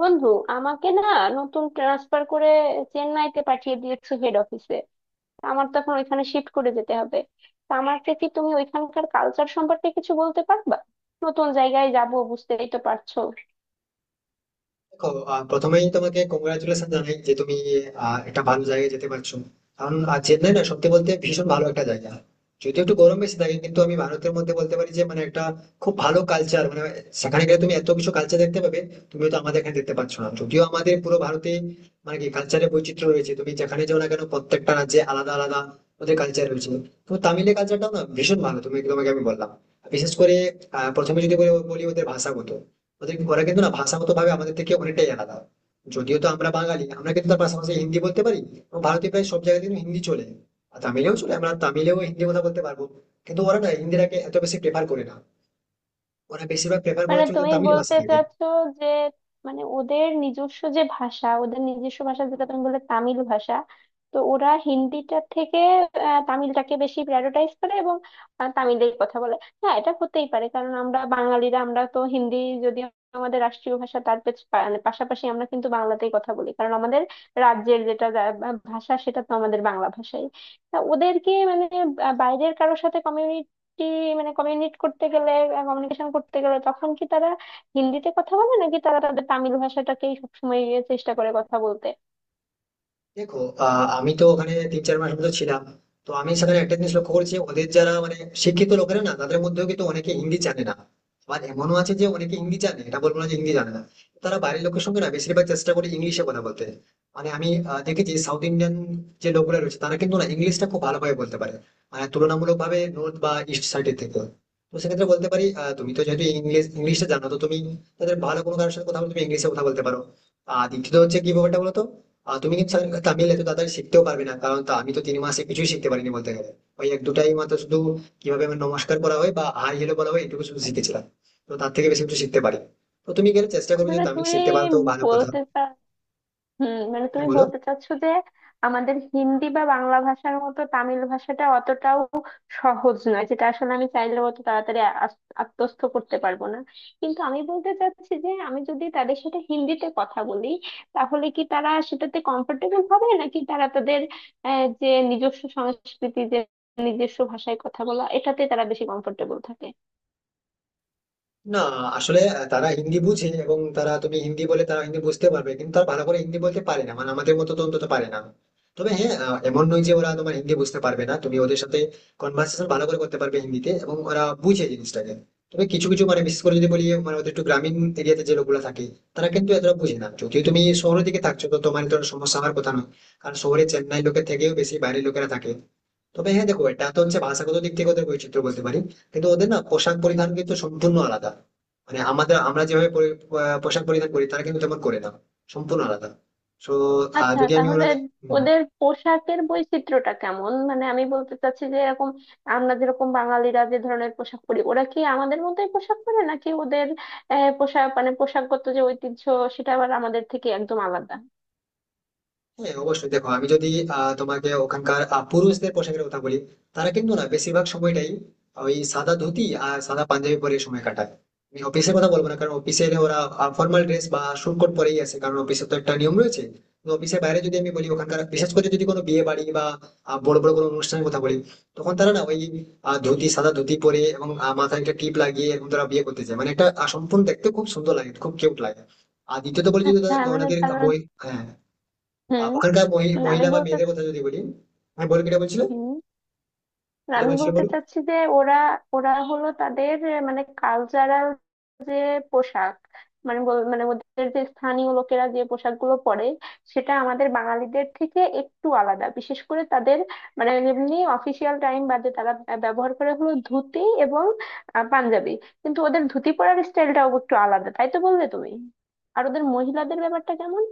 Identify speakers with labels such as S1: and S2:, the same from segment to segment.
S1: বন্ধু আমাকে না নতুন ট্রান্সফার করে চেন্নাইতে পাঠিয়ে দিয়েছো হেড অফিসে। আমার তো এখন ওইখানে শিফট করে যেতে হবে। তা আমাকে কি তুমি ওইখানকার কালচার সম্পর্কে কিছু বলতে পারবা? নতুন জায়গায় যাব বুঝতেই তো পারছো।
S2: দেখো। প্রথমেই তোমাকে কংগ্রাচুলেশন জানাই যে তুমি একটা ভালো জায়গায় যেতে পারছো। কারণ চেন্নাই না, সত্যি বলতে, ভীষণ ভালো একটা জায়গা। যদিও একটু গরম বেশি থাকে, কিন্তু আমি ভারতের মধ্যে বলতে পারি যে মানে একটা খুব ভালো কালচার, মানে সেখানে গেলে তুমি এত কিছু কালচার দেখতে পাবে। তুমি তো আমাদের এখানে দেখতে পাচ্ছ না, যদিও আমাদের পুরো ভারতে মানে কি কালচারের বৈচিত্র্য রয়েছে। তুমি যেখানে যাও না কেন, প্রত্যেকটা রাজ্যে আলাদা আলাদা ওদের কালচার রয়েছে। তো তামিলের কালচারটাও না ভীষণ ভালো। তোমাকে আমি বললাম, বিশেষ করে প্রথমে যদি বলি বলি ওদের ভাষাগত, ওরা কিন্তু না ভাষাগত ভাবে আমাদের থেকে অনেকটাই আলাদা। যদিও তো আমরা বাঙালি, আমরা কিন্তু তার পাশাপাশি হিন্দি বলতে পারি, এবং ভারতে প্রায় সব জায়গায় কিন্তু হিন্দি চলে, আর তামিলেও চলে। আমরা তামিলেও হিন্দি কথা বলতে পারবো, কিন্তু ওরা না হিন্দিটাকে এত বেশি প্রেফার করে না। ওরা বেশিরভাগ প্রেফার
S1: মানে
S2: করে চলছে
S1: তুমি
S2: তামিল ভাষা
S1: বলতে
S2: থেকে।
S1: চাচ্ছো যে মানে ওদের নিজস্ব যে ভাষা ওদের নিজস্ব ভাষা যেটা তুমি বললে তামিল ভাষা। তো ওরা হিন্দিটার থেকে তামিলটাকে বেশি প্রায়োরিটাইজ করে এবং তামিলেই কথা বলে। হ্যাঁ, এটা হতেই পারে কারণ আমরা বাঙালিরা আমরা তো হিন্দি যদি আমাদের রাষ্ট্রীয় ভাষা তার মানে পাশাপাশি আমরা কিন্তু বাংলাতেই কথা বলি কারণ আমাদের রাজ্যের যেটা ভাষা সেটা তো আমাদের বাংলা ভাষাই। তা ওদেরকে মানে বাইরের কারোর সাথে কি মানে কমিউনিট করতে গেলে কমিউনিকেশন করতে গেলে তখন কি তারা হিন্দিতে কথা বলে নাকি তারা তাদের তামিল ভাষাটাকেই সবসময় চেষ্টা করে কথা বলতে?
S2: দেখো, আমি তো ওখানে 3-4 মাস মতো ছিলাম। তো আমি সেখানে একটা জিনিস লক্ষ্য করেছি, ওদের যারা মানে শিক্ষিত লোকেরা না, তাদের মধ্যেও কিন্তু অনেকে হিন্দি জানে না। আবার এমনও আছে যে অনেকে হিন্দি জানে, এটা বলবো না যে হিন্দি জানে না। তারা বাইরের লোকের সঙ্গে না বেশিরভাগ চেষ্টা করে ইংলিশে কথা বলতে। মানে আমি দেখেছি সাউথ ইন্ডিয়ান যে লোকগুলো রয়েছে, তারা কিন্তু না ইংলিশটা খুব ভালোভাবে বলতে পারে, মানে তুলনামূলক ভাবে নর্থ বা ইস্ট সাইডের থেকে। তো সেক্ষেত্রে বলতে পারি, তুমি তো যেহেতু ইংলিশটা জানো, তো তুমি তাদের ভালো কোনো কারোর সাথে কথা বলতে তুমি ইংলিশে কথা বলতে পারো। আর দ্বিতীয়ত হচ্ছে কি ব্যাপারটা বলতো, আর তুমি কিন্তু স্যার তামিল এত তাড়াতাড়ি শিখতেও পারবে না, কারণ আমি তো 3 মাসে কিছুই শিখতে পারিনি বলতে গেলে। ওই এক দুটাই মাত্র শুধু, কিভাবে আমার নমস্কার বলা হয় বা হাই হ্যালো বলা হয়, এটুকু শুধু শিখেছিলাম। তো তার থেকে বেশি কিছু শিখতে পারি। তো তুমি গেলে চেষ্টা করবে, যদি
S1: মানে
S2: তামিল
S1: তুমি
S2: শিখতে পারো তো ভালো কথা।
S1: বলতে মানে
S2: হ্যাঁ,
S1: তুমি
S2: বলো।
S1: বলতে চাচ্ছো যে আমাদের হিন্দি বা বাংলা ভাষার মতো তামিল ভাষাটা অতটাও সহজ নয় যেটা আসলে আমি চাইলেও অত তাড়াতাড়ি আত্মস্থ করতে পারবো না। কিন্তু আমি বলতে চাচ্ছি যে আমি যদি তাদের সাথে হিন্দিতে কথা বলি তাহলে কি তারা সেটাতে কমফোর্টেবল হবে নাকি তারা তাদের যে নিজস্ব সংস্কৃতি যে নিজস্ব ভাষায় কথা বলা এটাতে তারা বেশি কমফোর্টেবল থাকে?
S2: না, আসলে তারা হিন্দি বুঝে, এবং তারা তুমি হিন্দি বলে তারা হিন্দি বুঝতে পারবে, কিন্তু তারা ভালো করে হিন্দি বলতে পারে না, মানে আমাদের মতো তো অন্তত পারে না। তবে হ্যাঁ, এমন নয় যে ওরা তোমার হিন্দি বুঝতে পারবে না। তুমি ওদের সাথে কনভার্সেশন ভালো করে করতে পারবে হিন্দিতে, এবং ওরা বুঝে জিনিসটাকে। তবে কিছু কিছু মানে, বিশেষ করে যদি বলি, মানে ওদের একটু গ্রামীণ এরিয়াতে যে লোকগুলো থাকে, তারা কিন্তু এতটা বুঝে না। যদিও তুমি শহরের দিকে থাকছো, তো তোমার তো সমস্যা হওয়ার কথা নয়, কারণ শহরে চেন্নাই লোকের থেকেও বেশি বাইরের লোকেরা থাকে। তবে হ্যাঁ, দেখো, এটা তো হচ্ছে ভাষাগত দিক থেকে ওদের বৈচিত্র্য বলতে পারি। কিন্তু ওদের না পোশাক পরিধান কিন্তু সম্পূর্ণ আলাদা। মানে আমাদের আমরা যেভাবে পোশাক পরিধান করি, তারা কিন্তু তেমন করে না। সম্পূর্ণ আলাদা। তো
S1: আচ্ছা,
S2: যদি আমি
S1: তাহলে
S2: ওনাদের
S1: ওদের পোশাকের বৈচিত্র্যটা কেমন? মানে আমি বলতে চাচ্ছি যে এরকম আমরা যেরকম বাঙালিরা যে ধরনের পোশাক পরি ওরা কি আমাদের মতোই পোশাক পরে নাকি ওদের পোশাক মানে পোশাকগত যে ঐতিহ্য সেটা আবার আমাদের থেকে একদম আলাদা?
S2: হ্যাঁ অবশ্যই। দেখো, আমি যদি তোমাকে ওখানকার পুরুষদের পোশাকের কথা বলি, তারা কিন্তু না বেশিরভাগ সময়টাই ওই সাদা ধুতি আর সাদা পাঞ্জাবি পরে সময় কাটায়। আমি অফিসের কথা বলবো না, কারণ অফিসে ওরা ফর্মাল ড্রেস বা স্যুট কোট পরেই আসে, কারণ অফিসে তো একটা নিয়ম রয়েছে। তো অফিসের বাইরে যদি আমি বলি ওখানকার, বিশেষ করে যদি কোনো বিয়ে বাড়ি বা বড় বড় কোনো অনুষ্ঠানের কথা বলি, তখন তারা না ওই ধুতি, সাদা ধুতি পরে, এবং মাথায় একটা টিপ লাগিয়ে এরকম তারা বিয়ে করতে চায়, মানে একটা সম্পূর্ণ দেখতে খুব সুন্দর লাগে, খুব কিউট লাগে। আর দ্বিতীয়ত বলি যদি
S1: আচ্ছা, মানে
S2: ওনাদের
S1: তারা
S2: ওই, হ্যাঁ,
S1: হুম
S2: ওখানকার
S1: মানে আমি
S2: মহিলা বা
S1: বলতে
S2: মেয়েদের কথা যদি বলি। হ্যাঁ, বলো, কিটা বলছিলে।
S1: হুম আর
S2: কিটা
S1: আমি
S2: বলছিলে,
S1: বলতে
S2: বলো।
S1: চাচ্ছি যে ওরা ওরা হলো তাদের মানে কালচারাল যে পোশাক মানে ওদের যে স্থানীয় লোকেরা যে পোশাকগুলো পরে সেটা আমাদের বাঙালিদের থেকে একটু আলাদা। বিশেষ করে তাদের মানে এমনি অফিসিয়াল টাইম বাদে তারা ব্যবহার করে হলো ধুতি এবং পাঞ্জাবি। কিন্তু ওদের ধুতি পরার স্টাইলটাও একটু আলাদা তাই তো বললে তুমি। আর ওদের মহিলাদের ব্যাপারটা কেমন?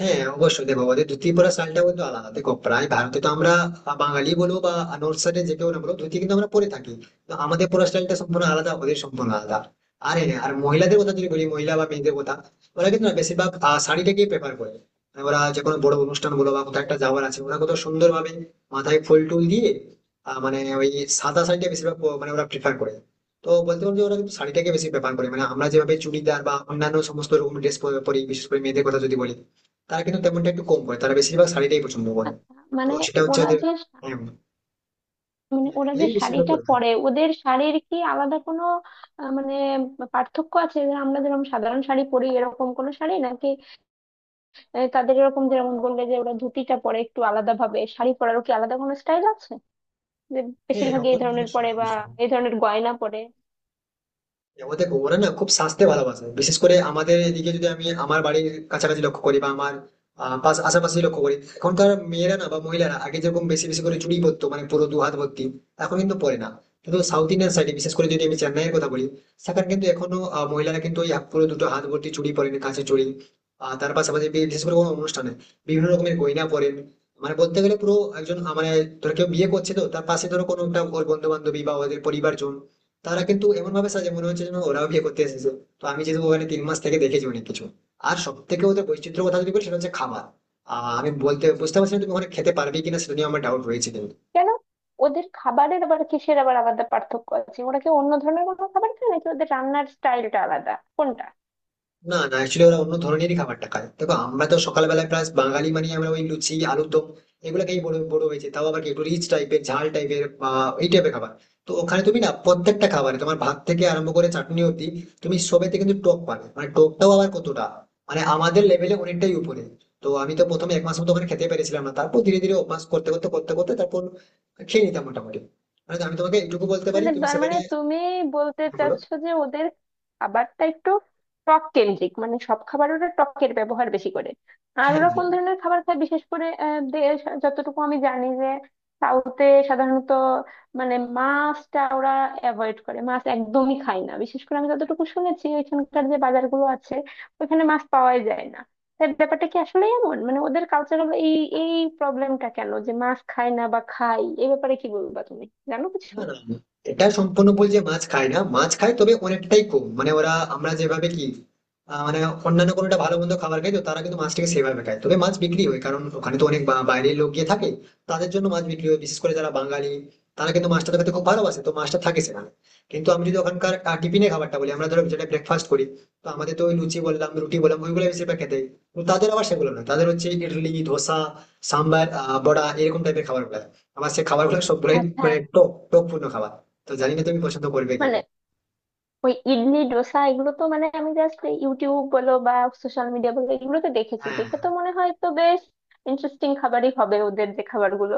S2: হ্যাঁ অবশ্যই, দেখো ওদের ধুতি পরা স্টাইলটা কিন্তু আলাদা। দেখো প্রায় ভারতে তো আমরা বাঙালি বলো বা নর্থ সাইডে যে কেউ, না বলো ধুতি কিন্তু আমরা পরে থাকি। তো আমাদের পরা স্টাইলটা সম্পূর্ণ আলাদা, ওদের সম্পূর্ণ আলাদা। আর হ্যাঁ, আর মহিলাদের কথা যদি বলি, মহিলা বা মেয়েদের কথা, ওরা কিন্তু না বেশিরভাগ শাড়িটাকেই প্রেফার করে। মানে ওরা যে কোনো বড় অনুষ্ঠান বলো বা কোথাও একটা যাওয়ার আছে, ওরা কত সুন্দর ভাবে মাথায় ফুল টুল দিয়ে মানে ওই সাদা শাড়িটা বেশিরভাগ মানে ওরা প্রেফার করে। তো বলতে পারো যে ওরা কিন্তু শাড়িটাকে বেশি প্রেফার করে, মানে আমরা যেভাবে চুড়িদার বা অন্যান্য সমস্ত রকম ড্রেস পরি, বিশেষ করে মেয়েদের কথা যদি বলি, তারা কিন্তু তেমনটা একটু কম করে, তারা বেশিরভাগ শাড়িটাই পছন্দ করে।
S1: আচ্ছা,
S2: তো
S1: মানে
S2: সেটা হচ্ছে
S1: ওরা
S2: ওদের।
S1: যে
S2: হ্যাঁ,
S1: মানে ওরা যে
S2: এই বেশিরভাগ
S1: শাড়িটা
S2: করে থাকে।
S1: পরে ওদের শাড়ির কি আলাদা কোনো মানে পার্থক্য আছে যে আমরা যেরকম সাধারণ শাড়ি পরি এরকম কোনো শাড়ি নাকি তাদের এরকম যেরকম বললে যে ওরা ধুতিটা পরে একটু আলাদা ভাবে শাড়ি পরারও কি আলাদা কোনো স্টাইল আছে যে
S2: হ্যাঁ
S1: বেশিরভাগই এই ধরনের
S2: অবশ্যই,
S1: পরে বা
S2: অবশ্যই।
S1: এই ধরনের গয়না পরে?
S2: ও দেখো, ওরা না খুব স্বাস্থ্যে ভালোবাসে, বিশেষ করে আমাদের এদিকে যদি আমি আমার বাড়ির কাছাকাছি লক্ষ্য করি বা আমার আশেপাশে লক্ষ্য করি, এখনকার মেয়েরা না বা মহিলারা আগে যেরকম বেশি বেশি করে চুড়ি পরতো মানে পুরো দু হাত ভর্তি, এখন কিন্তু পরে না। কিন্তু সাউথ ইন্ডিয়ান সাইডে, বিশেষ করে যদি আমি চেন্নাইয়ের কথা বলি, সেখানে কিন্তু এখনো মহিলারা কিন্তু ওই পুরো দুটো হাত ভর্তি চুড়ি পরেন, কাছে চুড়ি। আর তার পাশাপাশি বিশেষ করে কোনো অনুষ্ঠানে বিভিন্ন রকমের গয়না পরেন। মানে বলতে গেলে পুরো একজন মানে ধরো কেউ বিয়ে করছে, তো তার পাশে ধরো কোনো একটা ওর বন্ধু বান্ধবী বা ওদের পরিবারজন, তারা কিন্তু এমন ভাবে সাজে, মনে হচ্ছে যেন ওরাও বিয়ে করতে এসেছে। তো আমি যেহেতু ওখানে 3 মাস থেকে দেখেছি অনেক কিছু। আর সব থেকে ওদের বৈচিত্র্য কথা যদি বলি, সেটা হচ্ছে খাবার। আমি বুঝতে পারছি না তুমি ওখানে খেতে পারবে কিনা, সেটা নিয়ে আমার ডাউট রয়েছে, কিন্তু
S1: কেন, ওদের খাবারের আবার কিসের আবার আলাদা পার্থক্য আছে? ওরা কি অন্য ধরনের কোনো খাবার খায় নাকি ওদের রান্নার স্টাইলটা আলাদা কোনটা?
S2: না, না, অ্যাকচুয়ালি ওরা অন্য ধরনেরই খাবারটা খায়। দেখো, আমরা তো সকালবেলায় প্রায় বাঙালি মানে আমরা ওই লুচি, আলুর দম, এগুলো খেয়ে বড় বড় হয়েছে, তাও আবার কি একটু রিচ টাইপের, ঝাল টাইপের বা এই টাইপের খাবার। তো ওখানে তুমি না প্রত্যেকটা খাবারে তোমার ভাত থেকে আরম্ভ করে চাটনি অব্দি, তুমি সবেতে কিন্তু টক পাবে, মানে টকটাও আবার কতটা, মানে আমাদের লেভেলে অনেকটাই উপরে। তো আমি তো প্রথমে 1 মাস মতো ওখানে খেতে পেরেছিলাম না, তারপর ধীরে ধীরে অভ্যাস করতে করতে তারপর খেয়ে নিতাম মোটামুটি। মানে আমি তোমাকে এইটুকু বলতে পারি তুমি
S1: তার মানে
S2: সেখানে,
S1: তুমি বলতে
S2: বলো,
S1: চাচ্ছো যে ওদের খাবারটা একটু টক কেন্দ্রিক মানে সব খাবার ওরা টকের ব্যবহার বেশি করে। আর
S2: হ্যাঁ।
S1: ওরা কোন ধরনের খাবার খায় বিশেষ করে আহ, দেশ যতটুকু আমি জানি যে সাউথে সাধারণত মানে মাছটা ওরা অ্যাভয়েড করে মাছ একদমই খায় না বিশেষ করে আমি যতটুকু শুনেছি ওইখানকার যে বাজারগুলো আছে ওইখানে মাছ পাওয়াই যায় না। তাই ব্যাপারটা কি আসলে এমন মানে ওদের কালচারাল এই এই প্রবলেমটা কেন যে মাছ খায় না বা খায় এই ব্যাপারে কি বলবা তুমি, জানো কিছু?
S2: না, না, না, এটা সম্পূর্ণ ভুল যে মাছ খায় না। মাছ খায়, তবে অনেকটাই কম। মানে ওরা, আমরা যেভাবে কি মানে অন্যান্য কোনোটা ভালো মন্দ খাবার খাই, তো তারা কিন্তু মাছটাকে সেভাবে খায়, তবে মাছ বিক্রি হয়, কারণ ওখানে তো অনেক বাইরের লোক গিয়ে থাকে। তাদের জন্য মাছ বিক্রি হয়, বিশেষ করে যারা বাঙালি, তারা কিন্তু মাছটা খেতে খুব ভালোবাসে, তো মাছটা থাকে সেখানে। কিন্তু আমি যদি ওখানকার টিফিনে খাবারটা বলি, আমরা ধরো যেটা ব্রেকফাস্ট করি, তো আমাদের তো ওই লুচি বললাম, রুটি বললাম, ওইগুলো বেশিরভাগ খেতে হয়। তো তাদের আবার সেগুলো না, তাদের হচ্ছে ইডলি, ধোসা, সাম্বার, বড়া, এরকম টাইপের খাবার। আমার সে খাবারগুলো সবগুলোই
S1: আচ্ছা,
S2: মানে টক টক পূর্ণ খাবার। তো জানি না তুমি পছন্দ করবে
S1: মানে
S2: কিনা।
S1: ওই ইডলি ডোসা এগুলো তো মানে আমি জাস্ট ইউটিউব বলো বা সোশ্যাল মিডিয়া বলো এগুলোতে দেখেছি,
S2: হ্যাঁ,
S1: দেখে তো মনে হয় তো বেশ ইন্টারেস্টিং খাবারই হবে ওদের যে খাবারগুলো।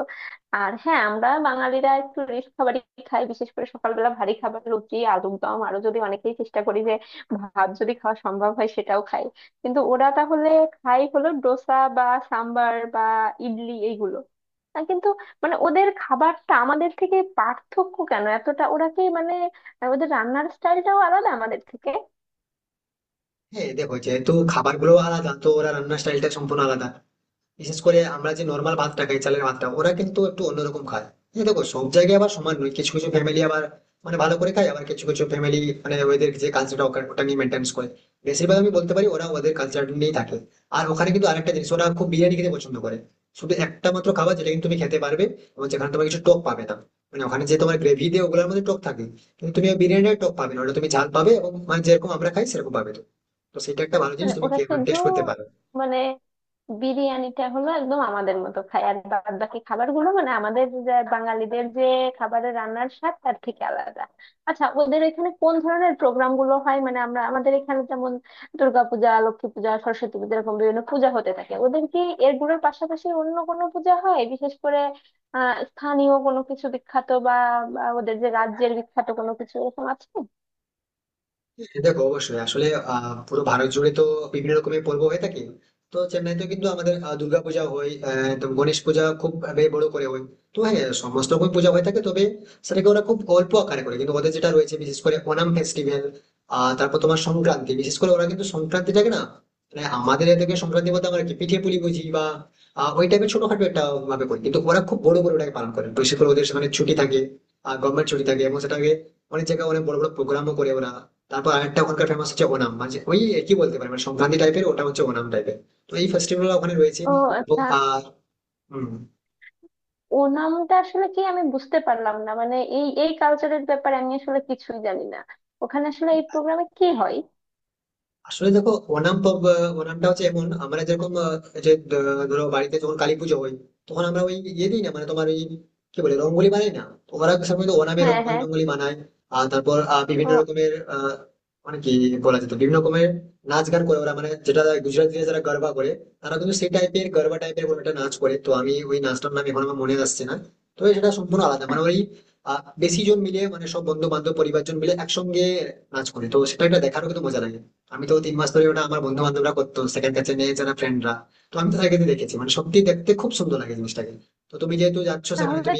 S1: আর হ্যাঁ, আমরা বাঙালিরা একটু রিচ খাবারই খাই বিশেষ করে সকালবেলা ভারী খাবার রুটি আলুর দম, আরো যদি অনেকেই চেষ্টা করি যে ভাত যদি খাওয়া সম্ভব হয় সেটাও খাই। কিন্তু ওরা তাহলে খাই হলো ডোসা বা সাম্বার বা ইডলি এইগুলো। কিন্তু মানে ওদের খাবারটা আমাদের থেকে পার্থক্য কেন এতটা ওরা কি মানে আর ওদের রান্নার স্টাইলটাও আলাদা আমাদের থেকে।
S2: হ্যাঁ, দেখো যেহেতু খাবারগুলো আলাদা, তো ওরা রান্নার স্টাইলটা সম্পূর্ণ আলাদা। বিশেষ করে আমরা যে নর্মাল ভাতটা খাই, চালের ভাতটা ওরা কিন্তু একটু অন্যরকম খায়। এই দেখো, সব জায়গায় আবার সমান নয়, কিছু কিছু ফ্যামিলি আবার মানে ভালো করে খায়, আবার কিছু কিছু ফ্যামিলি মানে ওদের যে কালচারটা, ওটা নিয়ে মেনটেন্স করে। বেশিরভাগ আমি বলতে পারি ওরা ওদের কালচার নিয়েই থাকে। আর ওখানে কিন্তু আরেকটা জিনিস, ওরা খুব বিরিয়ানি খেতে পছন্দ করে। শুধু একটা মাত্র খাবার যেটা কিন্তু তুমি খেতে পারবে, এবং যেখানে তোমার কিছু টক পাবে না। মানে ওখানে যে তোমার গ্রেভি দিয়ে ওগুলোর মধ্যে টক থাকে, কিন্তু তুমি ওই বিরিয়ানির টক পাবে না। ওটা তুমি ঝাল পাবে, এবং মানে যেরকম আমরা খাই সেরকম পাবে। তো তো সেটা একটা ভালো জিনিস,
S1: মানে
S2: তুমি
S1: ওরা শুধু
S2: টেস্ট করতে পারো।
S1: মানে বিরিয়ানিটা হলো একদম আমাদের মতো খায় আর বাদ বাকি খাবার গুলো মানে আমাদের যে বাঙালিদের যে খাবারের রান্নার স্বাদ তার থেকে আলাদা। আচ্ছা, ওদের এখানে কোন ধরনের প্রোগ্রাম গুলো হয়? মানে আমরা আমাদের এখানে যেমন দুর্গাপূজা, লক্ষ্মী পূজা, সরস্বতী পূজা এরকম বিভিন্ন পূজা হতে থাকে। ওদের কি এগুলোর পাশাপাশি অন্য কোনো পূজা হয় বিশেষ করে স্থানীয় কোনো কিছু বিখ্যাত বা বা ওদের যে রাজ্যের বিখ্যাত কোনো কিছু এরকম আছে?
S2: হ্যাঁ, দেখো অবশ্যই, আসলে পুরো ভারত জুড়ে তো বিভিন্ন রকমের পর্ব হয়ে থাকে। তো চেন্নাইতে কিন্তু আমাদের দুর্গাপূজা হয়, তো গণেশ পূজা খুব ভাবে বড় করে হয়। তো হ্যাঁ, সমস্ত রকম পূজা হয়ে থাকে, তবে সেটাকে ওরা খুব অল্প আকারে করে, কিন্তু ওদের যেটা রয়েছে, বিশেষ করে ওনাম ফেস্টিভ্যাল। তারপর তোমার সংক্রান্তি, বিশেষ করে ওরা কিন্তু সংক্রান্তিটাকে না, মানে আমাদের এদিকে সংক্রান্তি বলতে আমরা কি পিঠে পুলি বুঝি বা ওই টাইপের ছোটখাটো একটা ভাবে করি, কিন্তু ওরা খুব বড় বড় ওটাকে পালন করে, বিশেষ করে ওদের সেখানে ছুটি থাকে, গভর্নমেন্ট ছুটি থাকে, এবং সেটাকে অনেক জায়গায় অনেক বড় বড় প্রোগ্রামও করে ওরা। তারপর আরেকটা ওখানকার ফেমাস হচ্ছে ওনাম, মানে ওই কি বলতে পারে, মানে সংক্রান্তি টাইপের, ওটা হচ্ছে ওনাম টাইপের। তো এই ফেস্টিভ্যাল ওখানে রয়েছে
S1: ও
S2: এবং
S1: আচ্ছা।
S2: হম
S1: ওনামটা আসলে কি আমি বুঝতে পারলাম না, মানে এই এই কালচারের ব্যাপারে আমি আসলে কিছুই জানি না, ওখানে আসলে এই প্রোগ্রামে কি হয়?
S2: আসলে দেখো ওনাম পর্ব, ওনামটা হচ্ছে এমন, আমরা যেরকম যে ধরো বাড়িতে যখন কালী পুজো হয়, তখন আমরা ওই ইয়ে দিই না, মানে তোমার ওই কি বলে রঙ্গোলি বানাই না, তো ওরা সাধারণত ওনামে
S1: হ্যাঁ,
S2: রঙ্গোলি
S1: হ্যাঁ।
S2: টঙ্গলি বানায়। আর তারপর বিভিন্ন
S1: ও
S2: রকমের মানে কি বলা যেত, বিভিন্ন রকমের নাচ গান করে ওরা, মানে যেটা গুজরাটিরা যারা গরবা করে, তারা কিন্তু সেই টাইপের গরবা টাইপের কোনো একটা নাচ করে। তো আমি ওই নাচটার নাম এখন আমার মনে আসছে না, তবে সেটা সম্পূর্ণ আলাদা।
S1: আচ্ছা,
S2: মানে ওই বেশি জন মিলে, মানে সব বন্ধু বান্ধব পরিবারজন মিলে একসঙ্গে নাচ করে, তো সেটা একটা দেখারও কিন্তু মজা লাগে। আমি তো তিন মাস ধরে ওটা আমার বন্ধু বান্ধবরা করতো, সেকেন্ড কাছে নিয়ে যারা ফ্রেন্ডরা। তো আমি তো তাদেরকে দেখেছি, মানে সত্যি দেখতে খুব সুন্দর লাগে জিনিসটাকে। তো তুমি যেহেতু যাচ্ছ সেখানে,
S1: তাহলে
S2: তুমি,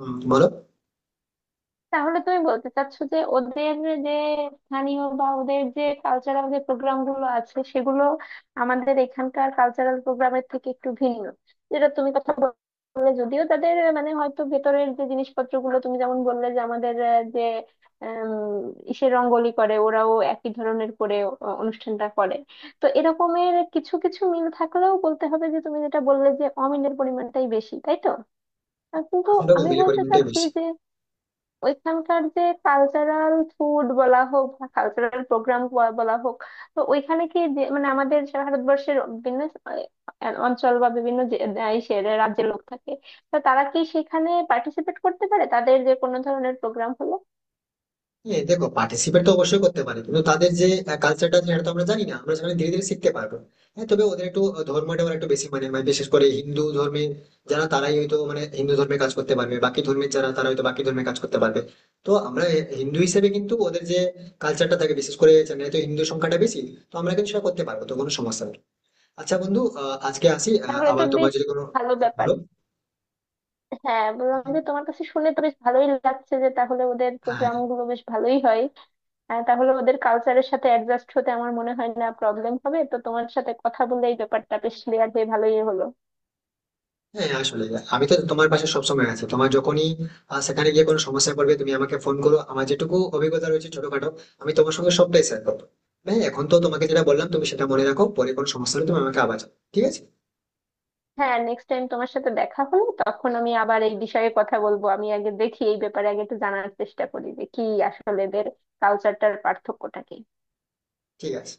S2: বলো।
S1: তাহলে তুমি বলতে চাচ্ছো যে ওদের যে স্থানীয় বা ওদের যে কালচারাল যে প্রোগ্রাম গুলো আছে সেগুলো আমাদের এখানকার কালচারাল প্রোগ্রামের থেকে একটু ভিন্ন যেটা তুমি কথা বললে, যদিও তাদের মানে হয়তো ভেতরের যে জিনিসপত্র গুলো তুমি যেমন বললে যে আমাদের যে আম, ইসে রঙ্গোলি করে ওরাও একই ধরনের করে অনুষ্ঠানটা করে। তো এরকমের কিছু কিছু মিল থাকলেও বলতে হবে যে তুমি যেটা বললে যে অমিলের পরিমাণটাই বেশি তাই তো? কিন্তু
S2: সেটা
S1: আমি
S2: মিলে
S1: বলতে
S2: পরিমাণটাই
S1: চাচ্ছি
S2: বেশি।
S1: যে ওইখানকার যে কালচারাল ফুড বলা হোক বা কালচারাল প্রোগ্রাম বলা হোক তো ওইখানে কি মানে আমাদের সে ভারতবর্ষের বিভিন্ন অঞ্চল বা বিভিন্ন দেশের রাজ্যের লোক থাকে তো তারা কি সেখানে পার্টিসিপেট করতে পারে তাদের যে কোনো ধরনের প্রোগ্রাম হলো?
S2: হ্যাঁ দেখো, পার্টিসিপেট তো অবশ্যই করতে পারে, কিন্তু তাদের যে কালচারটা আছে, সেটা তো আমরা জানি না, আমরা সেখানে ধীরে ধীরে শিখতে পারবো। হ্যাঁ, তবে ওদের একটু ধর্মটা ওরা একটু বেশি মানে, বিশেষ করে হিন্দু ধর্মে যারা, তারাই হয়তো মানে হিন্দু ধর্মে কাজ করতে পারবে, বাকি ধর্মের যারা তারা হয়তো বাকি ধর্মে কাজ করতে পারবে। তো আমরা হিন্দু হিসেবে কিন্তু ওদের যে কালচারটা থাকে, বিশেষ করে চেন্নাই তো হিন্দু সংখ্যাটা বেশি, তো আমরা কিন্তু সেটা করতে পারবো, তো কোনো সমস্যা নেই। আচ্ছা বন্ধু, আজকে আসি,
S1: তাহলে তো
S2: আবার তোমার
S1: বেশ
S2: যদি কোনো,
S1: ভালো ব্যাপার।
S2: বলো।
S1: হ্যাঁ, বললাম যে তোমার কাছে শুনে তো বেশ ভালোই লাগছে যে তাহলে ওদের
S2: হ্যাঁ,
S1: প্রোগ্রাম গুলো বেশ ভালোই হয়। তাহলে ওদের কালচারের সাথে অ্যাডজাস্ট হতে আমার মনে হয় না প্রবলেম হবে, তো তোমার সাথে কথা বলে এই ব্যাপারটা বেশ ক্লিয়ার হয়ে ভালোই হলো।
S2: হ্যাঁ, হ্যাঁ, আসলে আমি তো তোমার পাশে সবসময় আছি। তোমার যখনই সেখানে গিয়ে কোনো সমস্যায় পড়বে, তুমি আমাকে ফোন করো, আমার যেটুকু অভিজ্ঞতা রয়েছে ছোটখাটো, আমি তোমার সঙ্গে সবটাই শেয়ার করবো। হ্যাঁ, এখন তো তোমাকে যেটা বললাম, তুমি সেটা মনে রাখো, পরে কোনো সমস্যা হলে তুমি আমাকে আবার জানাও। ঠিক আছে?
S1: হ্যাঁ, নেক্সট টাইম তোমার সাথে দেখা হলে তখন আমি আবার এই বিষয়ে কথা বলবো, আমি আগে দেখি এই ব্যাপারে আগে একটু জানার চেষ্টা করি যে কি আসলে এদের কালচারটার পার্থক্যটা কি।
S2: ঠিক আছে।